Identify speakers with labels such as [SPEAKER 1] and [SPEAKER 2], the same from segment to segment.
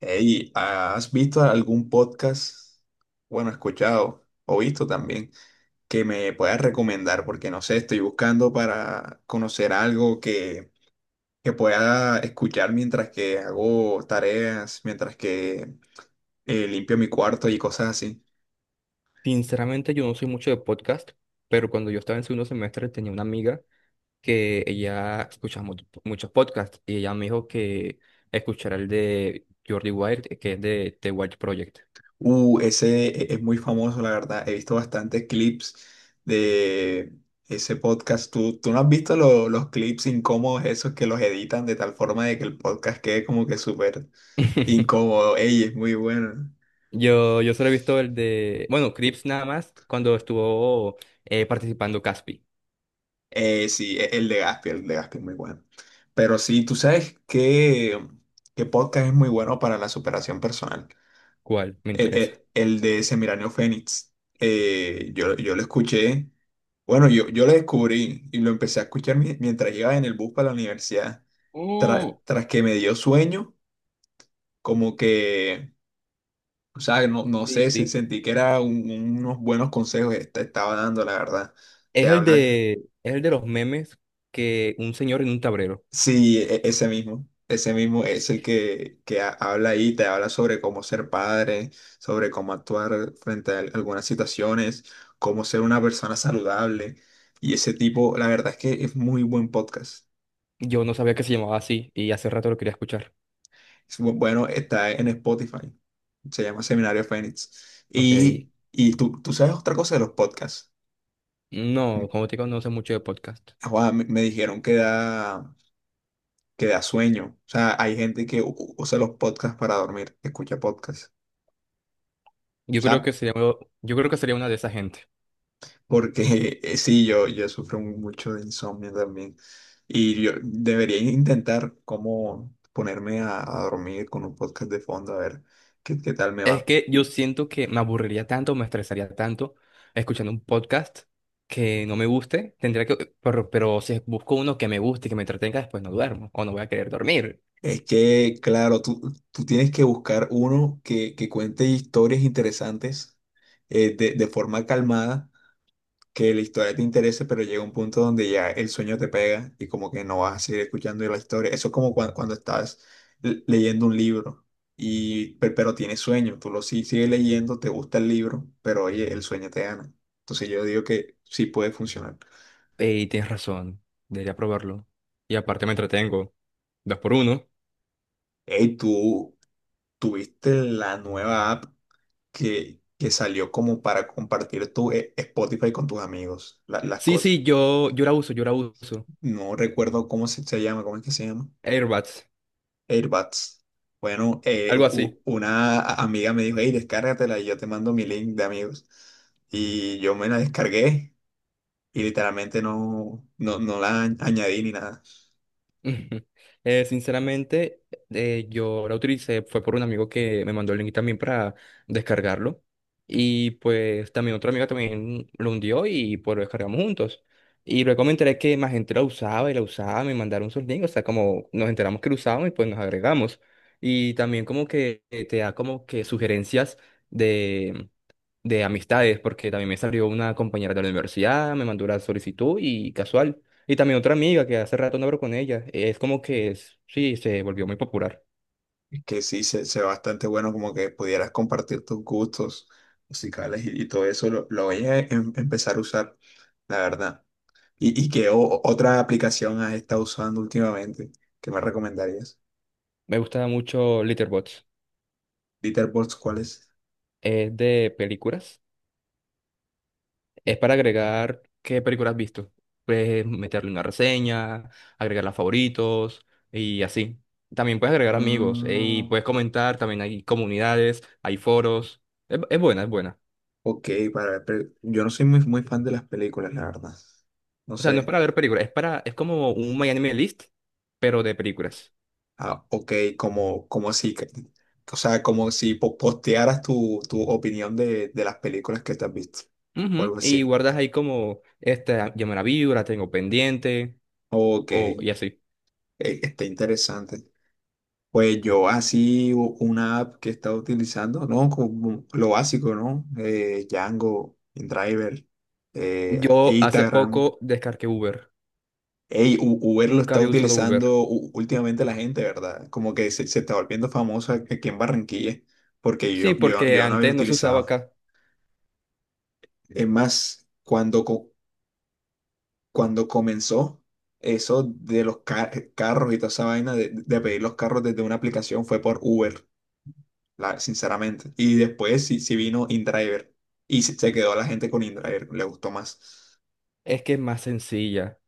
[SPEAKER 1] Hey, ¿has visto algún podcast? Bueno, escuchado o visto también que me puedas recomendar, porque no sé, estoy buscando para conocer algo que pueda escuchar mientras que hago tareas, mientras que limpio mi cuarto y cosas así.
[SPEAKER 2] Sinceramente, yo no soy mucho de podcast, pero cuando yo estaba en segundo semestre tenía una amiga que ella escuchaba muchos podcasts y ella me dijo que escuchara el de Jordi Wild, que es de The Wild Project.
[SPEAKER 1] Ese es muy famoso, la verdad. He visto bastantes clips de ese podcast. ¿Tú no has visto los clips incómodos esos que los editan de tal forma de que el podcast quede como que súper incómodo? Ella es muy buena.
[SPEAKER 2] Yo solo he visto el de, bueno, Crips nada más, cuando estuvo participando Caspi.
[SPEAKER 1] Sí, el de Gaspi es muy bueno. Pero sí, tú sabes que podcast es muy bueno para la superación personal.
[SPEAKER 2] ¿Cuál? Me
[SPEAKER 1] El,
[SPEAKER 2] interesa.
[SPEAKER 1] el de Semiranio Fénix. Yo lo escuché, bueno, yo lo descubrí y lo empecé a escuchar mientras iba en el bus para la universidad. Tra-
[SPEAKER 2] Mm,
[SPEAKER 1] tras que me dio sueño, como que, o sea, no
[SPEAKER 2] sí,
[SPEAKER 1] sé,
[SPEAKER 2] sí.
[SPEAKER 1] sentí que era unos buenos consejos que te estaba dando, la verdad. Te
[SPEAKER 2] Es el
[SPEAKER 1] hablas.
[SPEAKER 2] de, es el de los memes que un señor en un tablero.
[SPEAKER 1] Sí, ese mismo es el que habla ahí, te habla sobre cómo ser padre, sobre cómo actuar frente a algunas situaciones, cómo ser una persona saludable. Y ese tipo, la verdad es que es muy buen podcast.
[SPEAKER 2] Yo no sabía que se llamaba así y hace rato lo quería escuchar.
[SPEAKER 1] Es bueno, está en Spotify, se llama Seminario Fénix. Y,
[SPEAKER 2] Ok.
[SPEAKER 1] y tú sabes otra cosa de los podcasts. Mm,
[SPEAKER 2] No, como te digo, no sé mucho de podcast.
[SPEAKER 1] joda, me dijeron que da, que da. Sueño, o sea, hay gente que usa los podcasts para dormir, escucha podcasts. O
[SPEAKER 2] Yo creo que
[SPEAKER 1] sea,
[SPEAKER 2] sería, yo creo que sería una de esa gente.
[SPEAKER 1] porque sí, yo sufro mucho de insomnio también. Y yo debería intentar cómo ponerme a dormir con un podcast de fondo, a ver qué, qué tal me
[SPEAKER 2] Es
[SPEAKER 1] va.
[SPEAKER 2] que yo siento que me aburriría tanto, me estresaría tanto escuchando un podcast que no me guste. Tendría que, pero si busco uno que me guste, que me entretenga, después no duermo o no voy a querer dormir.
[SPEAKER 1] Es que, claro, tú tienes que buscar uno que cuente historias interesantes de forma calmada, que la historia te interese, pero llega un punto donde ya el sueño te pega y como que no vas a seguir escuchando la historia. Eso es como cuando estás leyendo un libro, y, pero tienes sueño, tú lo sigues leyendo, te gusta el libro, pero oye, el sueño te gana. Entonces yo digo que sí puede funcionar.
[SPEAKER 2] Y tienes razón, debería probarlo. Y aparte me entretengo. Dos por uno.
[SPEAKER 1] Hey, tú tuviste la nueva app que salió como para compartir tu Spotify con tus amigos, las
[SPEAKER 2] Sí,
[SPEAKER 1] cosas.
[SPEAKER 2] sí, yo la uso, yo la uso.
[SPEAKER 1] No recuerdo cómo se llama, ¿cómo es que se llama?
[SPEAKER 2] Airbuds,
[SPEAKER 1] AirBuds. Bueno,
[SPEAKER 2] algo así.
[SPEAKER 1] una amiga me dijo, hey, descárgatela y yo te mando mi link de amigos. Y yo me la descargué y literalmente no la añadí ni nada.
[SPEAKER 2] Ujú. Sinceramente, yo la utilicé, fue por un amigo que me mandó el link también para descargarlo. Y pues también otro amigo también lo hundió y pues lo descargamos juntos. Y luego me enteré que más gente la usaba y la usaba, me mandaron sus links, o sea, como nos enteramos que lo usaban y pues nos agregamos. Y también como que te da como que sugerencias de de amistades, porque también me salió una compañera de la universidad, me mandó la solicitud y casual. Y también otra amiga que hace rato no hablo con ella. Es como que es, sí, se volvió muy popular.
[SPEAKER 1] Es que sí, se ve bastante bueno, como que pudieras compartir tus gustos musicales y todo eso. Lo voy a empezar a usar, la verdad. ¿Y qué otra aplicación has estado usando últimamente que me recomendarías?
[SPEAKER 2] Me gusta mucho Letterboxd.
[SPEAKER 1] Litterboxd, ¿cuál es?
[SPEAKER 2] Es de películas. Es para agregar qué películas has visto. Puedes meterle una reseña, agregar las favoritos y así. También puedes agregar amigos y
[SPEAKER 1] Mm.
[SPEAKER 2] puedes comentar. También hay comunidades, hay foros. Es buena, es buena.
[SPEAKER 1] Ok, para ver, pero yo no soy muy, muy fan de las películas, la verdad. No
[SPEAKER 2] O sea, no es
[SPEAKER 1] sé.
[SPEAKER 2] para ver películas, es para, es como un My Anime List, pero de películas.
[SPEAKER 1] Ah, ok, como, como si, o sea, como si postearas tu opinión de las películas que te has visto. O
[SPEAKER 2] Ujú,
[SPEAKER 1] algo
[SPEAKER 2] y
[SPEAKER 1] así.
[SPEAKER 2] guardas ahí como, esta, ya me la vi, la tengo pendiente,
[SPEAKER 1] Ok,
[SPEAKER 2] o y así.
[SPEAKER 1] está interesante. Pues yo así una app que he estado utilizando, ¿no? Como lo básico, ¿no? Django, InDriver,
[SPEAKER 2] Yo hace
[SPEAKER 1] Instagram.
[SPEAKER 2] poco descargué Uber.
[SPEAKER 1] Ey, Uber lo
[SPEAKER 2] Nunca
[SPEAKER 1] está
[SPEAKER 2] había usado Uber.
[SPEAKER 1] utilizando últimamente la gente, ¿verdad? Como que se está volviendo famosa aquí en Barranquilla, porque
[SPEAKER 2] Sí,
[SPEAKER 1] yo, yo,
[SPEAKER 2] porque
[SPEAKER 1] yo no había
[SPEAKER 2] antes no se usaba
[SPEAKER 1] utilizado.
[SPEAKER 2] acá.
[SPEAKER 1] Es más, cuando, cuando comenzó eso de los carros y toda esa vaina de pedir los carros desde una aplicación, fue por Uber, la, sinceramente. Y después sí, sí vino InDriver y se quedó la gente con InDriver, le gustó más.
[SPEAKER 2] Es que es más sencilla.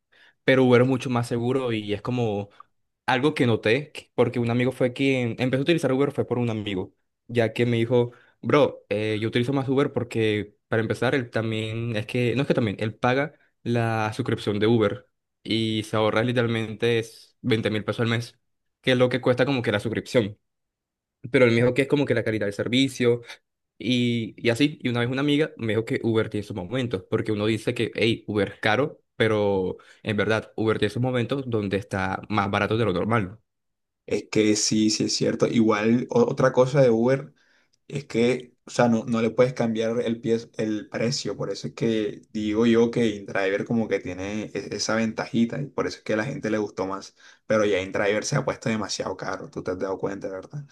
[SPEAKER 2] Pero Uber es mucho más seguro y es como algo que noté, que, porque un amigo fue quien empezó a utilizar Uber fue por un amigo, ya que me dijo, bro, yo utilizo más Uber porque para empezar, él también, es que, no es que también, él paga la suscripción de Uber y se ahorra literalmente es 20 mil pesos al mes, que es lo que cuesta como que la suscripción. Pero él me dijo que es como que la calidad del servicio y así, y una vez una amiga me dijo que Uber tiene sus momentos, porque uno dice que, hey, Uber es caro, pero en verdad, Uber tiene sus momentos donde está más barato de lo normal.
[SPEAKER 1] Es que sí, sí es cierto. Igual otra cosa de Uber. Es que, o sea, no le puedes cambiar el, el precio, por eso es que digo yo que InDriver como que tiene esa ventajita y por eso es que a la gente le gustó más, pero ya InDriver se ha puesto demasiado caro, tú te has dado cuenta, ¿verdad?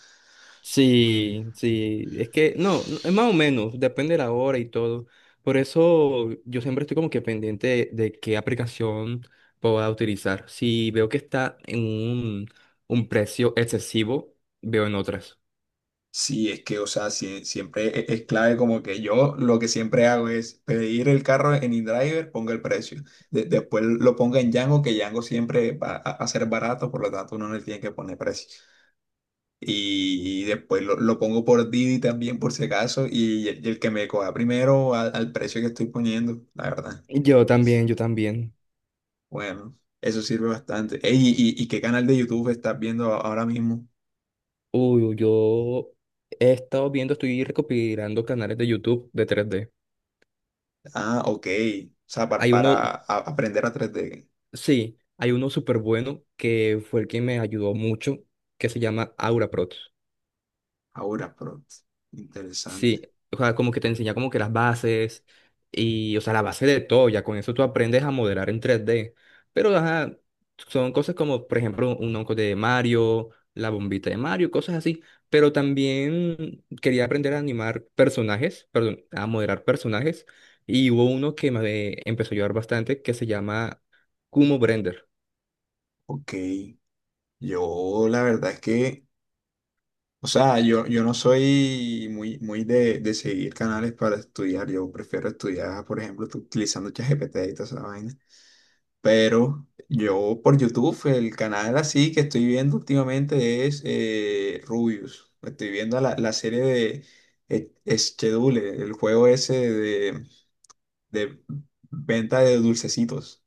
[SPEAKER 2] Sí, sí, es que no, no, es más o menos, depende de la hora y todo. Por eso yo siempre estoy como que pendiente de qué aplicación pueda utilizar. Si veo que está en un precio excesivo, veo en otras.
[SPEAKER 1] Sí, es que, o sea, siempre es clave, como que yo lo que siempre hago es pedir el carro en InDriver, ponga el precio, después lo ponga en Django, que Django siempre va a ser barato, por lo tanto uno no le tiene que poner precio. Y después lo pongo por Didi también, por si acaso. Y, el que me coja primero al precio que estoy poniendo, la verdad.
[SPEAKER 2] Yo también, yo también.
[SPEAKER 1] Bueno, eso sirve bastante. Ey, y, y qué canal de YouTube estás viendo ahora mismo?
[SPEAKER 2] Uy, yo he estado viendo, estoy recopilando canales de YouTube de tres d.
[SPEAKER 1] Ah, ok. O sea,
[SPEAKER 2] Hay
[SPEAKER 1] para
[SPEAKER 2] uno,
[SPEAKER 1] aprender a 3D.
[SPEAKER 2] sí, hay uno súper bueno que fue el que me ayudó mucho, que se llama Aura Prot.
[SPEAKER 1] Ahora, pero
[SPEAKER 2] Sí,
[SPEAKER 1] interesante.
[SPEAKER 2] o sea, como que te enseña como que las bases y, o sea, la base de todo, ya con eso tú aprendes a modelar en tres d. Pero, ajá, son cosas como, por ejemplo, un onco de Mario, la bombita de Mario, cosas así. Pero también quería aprender a animar personajes, perdón, a modelar personajes. Y hubo uno que me empezó a ayudar bastante que se llama Kumo Brender.
[SPEAKER 1] Ok. Yo la verdad es que, o sea, yo no soy muy, muy de seguir canales para estudiar. Yo prefiero estudiar, por ejemplo, utilizando ChatGPT y toda esa vaina. Pero yo por YouTube, el canal así que estoy viendo últimamente es Rubius. Estoy viendo la serie de eh, Schedule, el juego ese de venta de dulcecitos.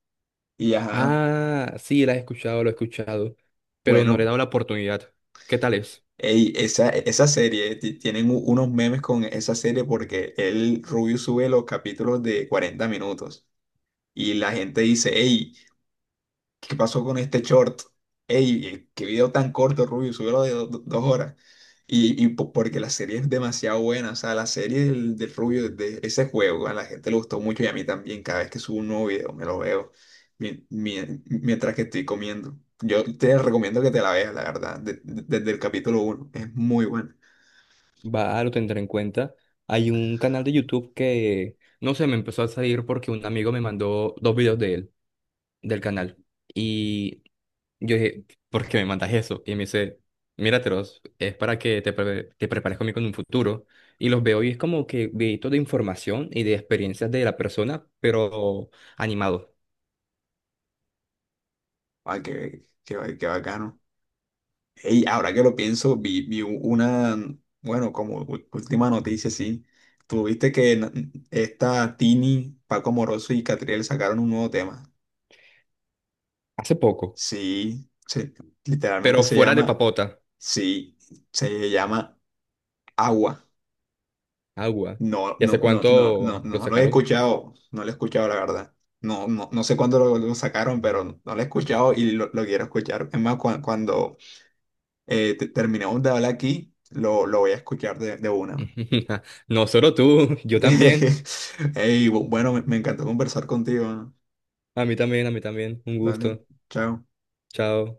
[SPEAKER 1] Y ajá,
[SPEAKER 2] Ah, sí, la he escuchado, lo he escuchado, pero no le he
[SPEAKER 1] bueno,
[SPEAKER 2] dado la oportunidad. ¿Qué tal es?
[SPEAKER 1] ey, esa serie, tienen unos memes con esa serie porque el Rubius sube los capítulos de 40 minutos. Y la gente dice, hey, ¿qué pasó con este short? Ey, qué video tan corto, Rubio, subió de 2 horas. Y porque la serie es demasiado buena, o sea, la serie del Rubio, de ese juego, a la gente le gustó mucho y a mí también, cada vez que subo un nuevo video me lo veo mientras que estoy comiendo. Yo te recomiendo que te la veas, la verdad, desde el capítulo 1 es muy buena.
[SPEAKER 2] Va, lo tendré en cuenta. Hay un canal de YouTube que, no sé, me empezó a salir porque un amigo me mandó dos videos de él, del canal. Y yo dije, ¿por qué me mandas eso? Y me dice, míratelos, es para que te, te prepares conmigo en un futuro. Y los veo y es como que videitos de información y de experiencias de la persona, pero animado.
[SPEAKER 1] Ay, qué bacano. Ey, ahora que lo pienso, vi una, bueno, como última noticia, sí. Tuviste que na- Esta Tini, Paco Moroso y Catriel sacaron un nuevo tema.
[SPEAKER 2] Hace poco,
[SPEAKER 1] Sí, literalmente
[SPEAKER 2] pero
[SPEAKER 1] se
[SPEAKER 2] fuera de
[SPEAKER 1] llama,
[SPEAKER 2] papota,
[SPEAKER 1] sí, se llama Agua.
[SPEAKER 2] agua.
[SPEAKER 1] No,
[SPEAKER 2] ¿Y
[SPEAKER 1] no,
[SPEAKER 2] hace
[SPEAKER 1] no, no, no,
[SPEAKER 2] cuánto lo
[SPEAKER 1] no, lo he
[SPEAKER 2] sacaron?
[SPEAKER 1] escuchado, no lo he escuchado, la verdad. No, no, no sé cuándo lo sacaron, pero no lo he escuchado y lo quiero escuchar. Es más, cuando terminemos de hablar aquí, lo voy a escuchar de una.
[SPEAKER 2] No solo tú, yo también.
[SPEAKER 1] Ey, bueno, me encantó conversar contigo, ¿no?
[SPEAKER 2] A mí también, a mí también. Un
[SPEAKER 1] Dale,
[SPEAKER 2] gusto.
[SPEAKER 1] chao.
[SPEAKER 2] Chao.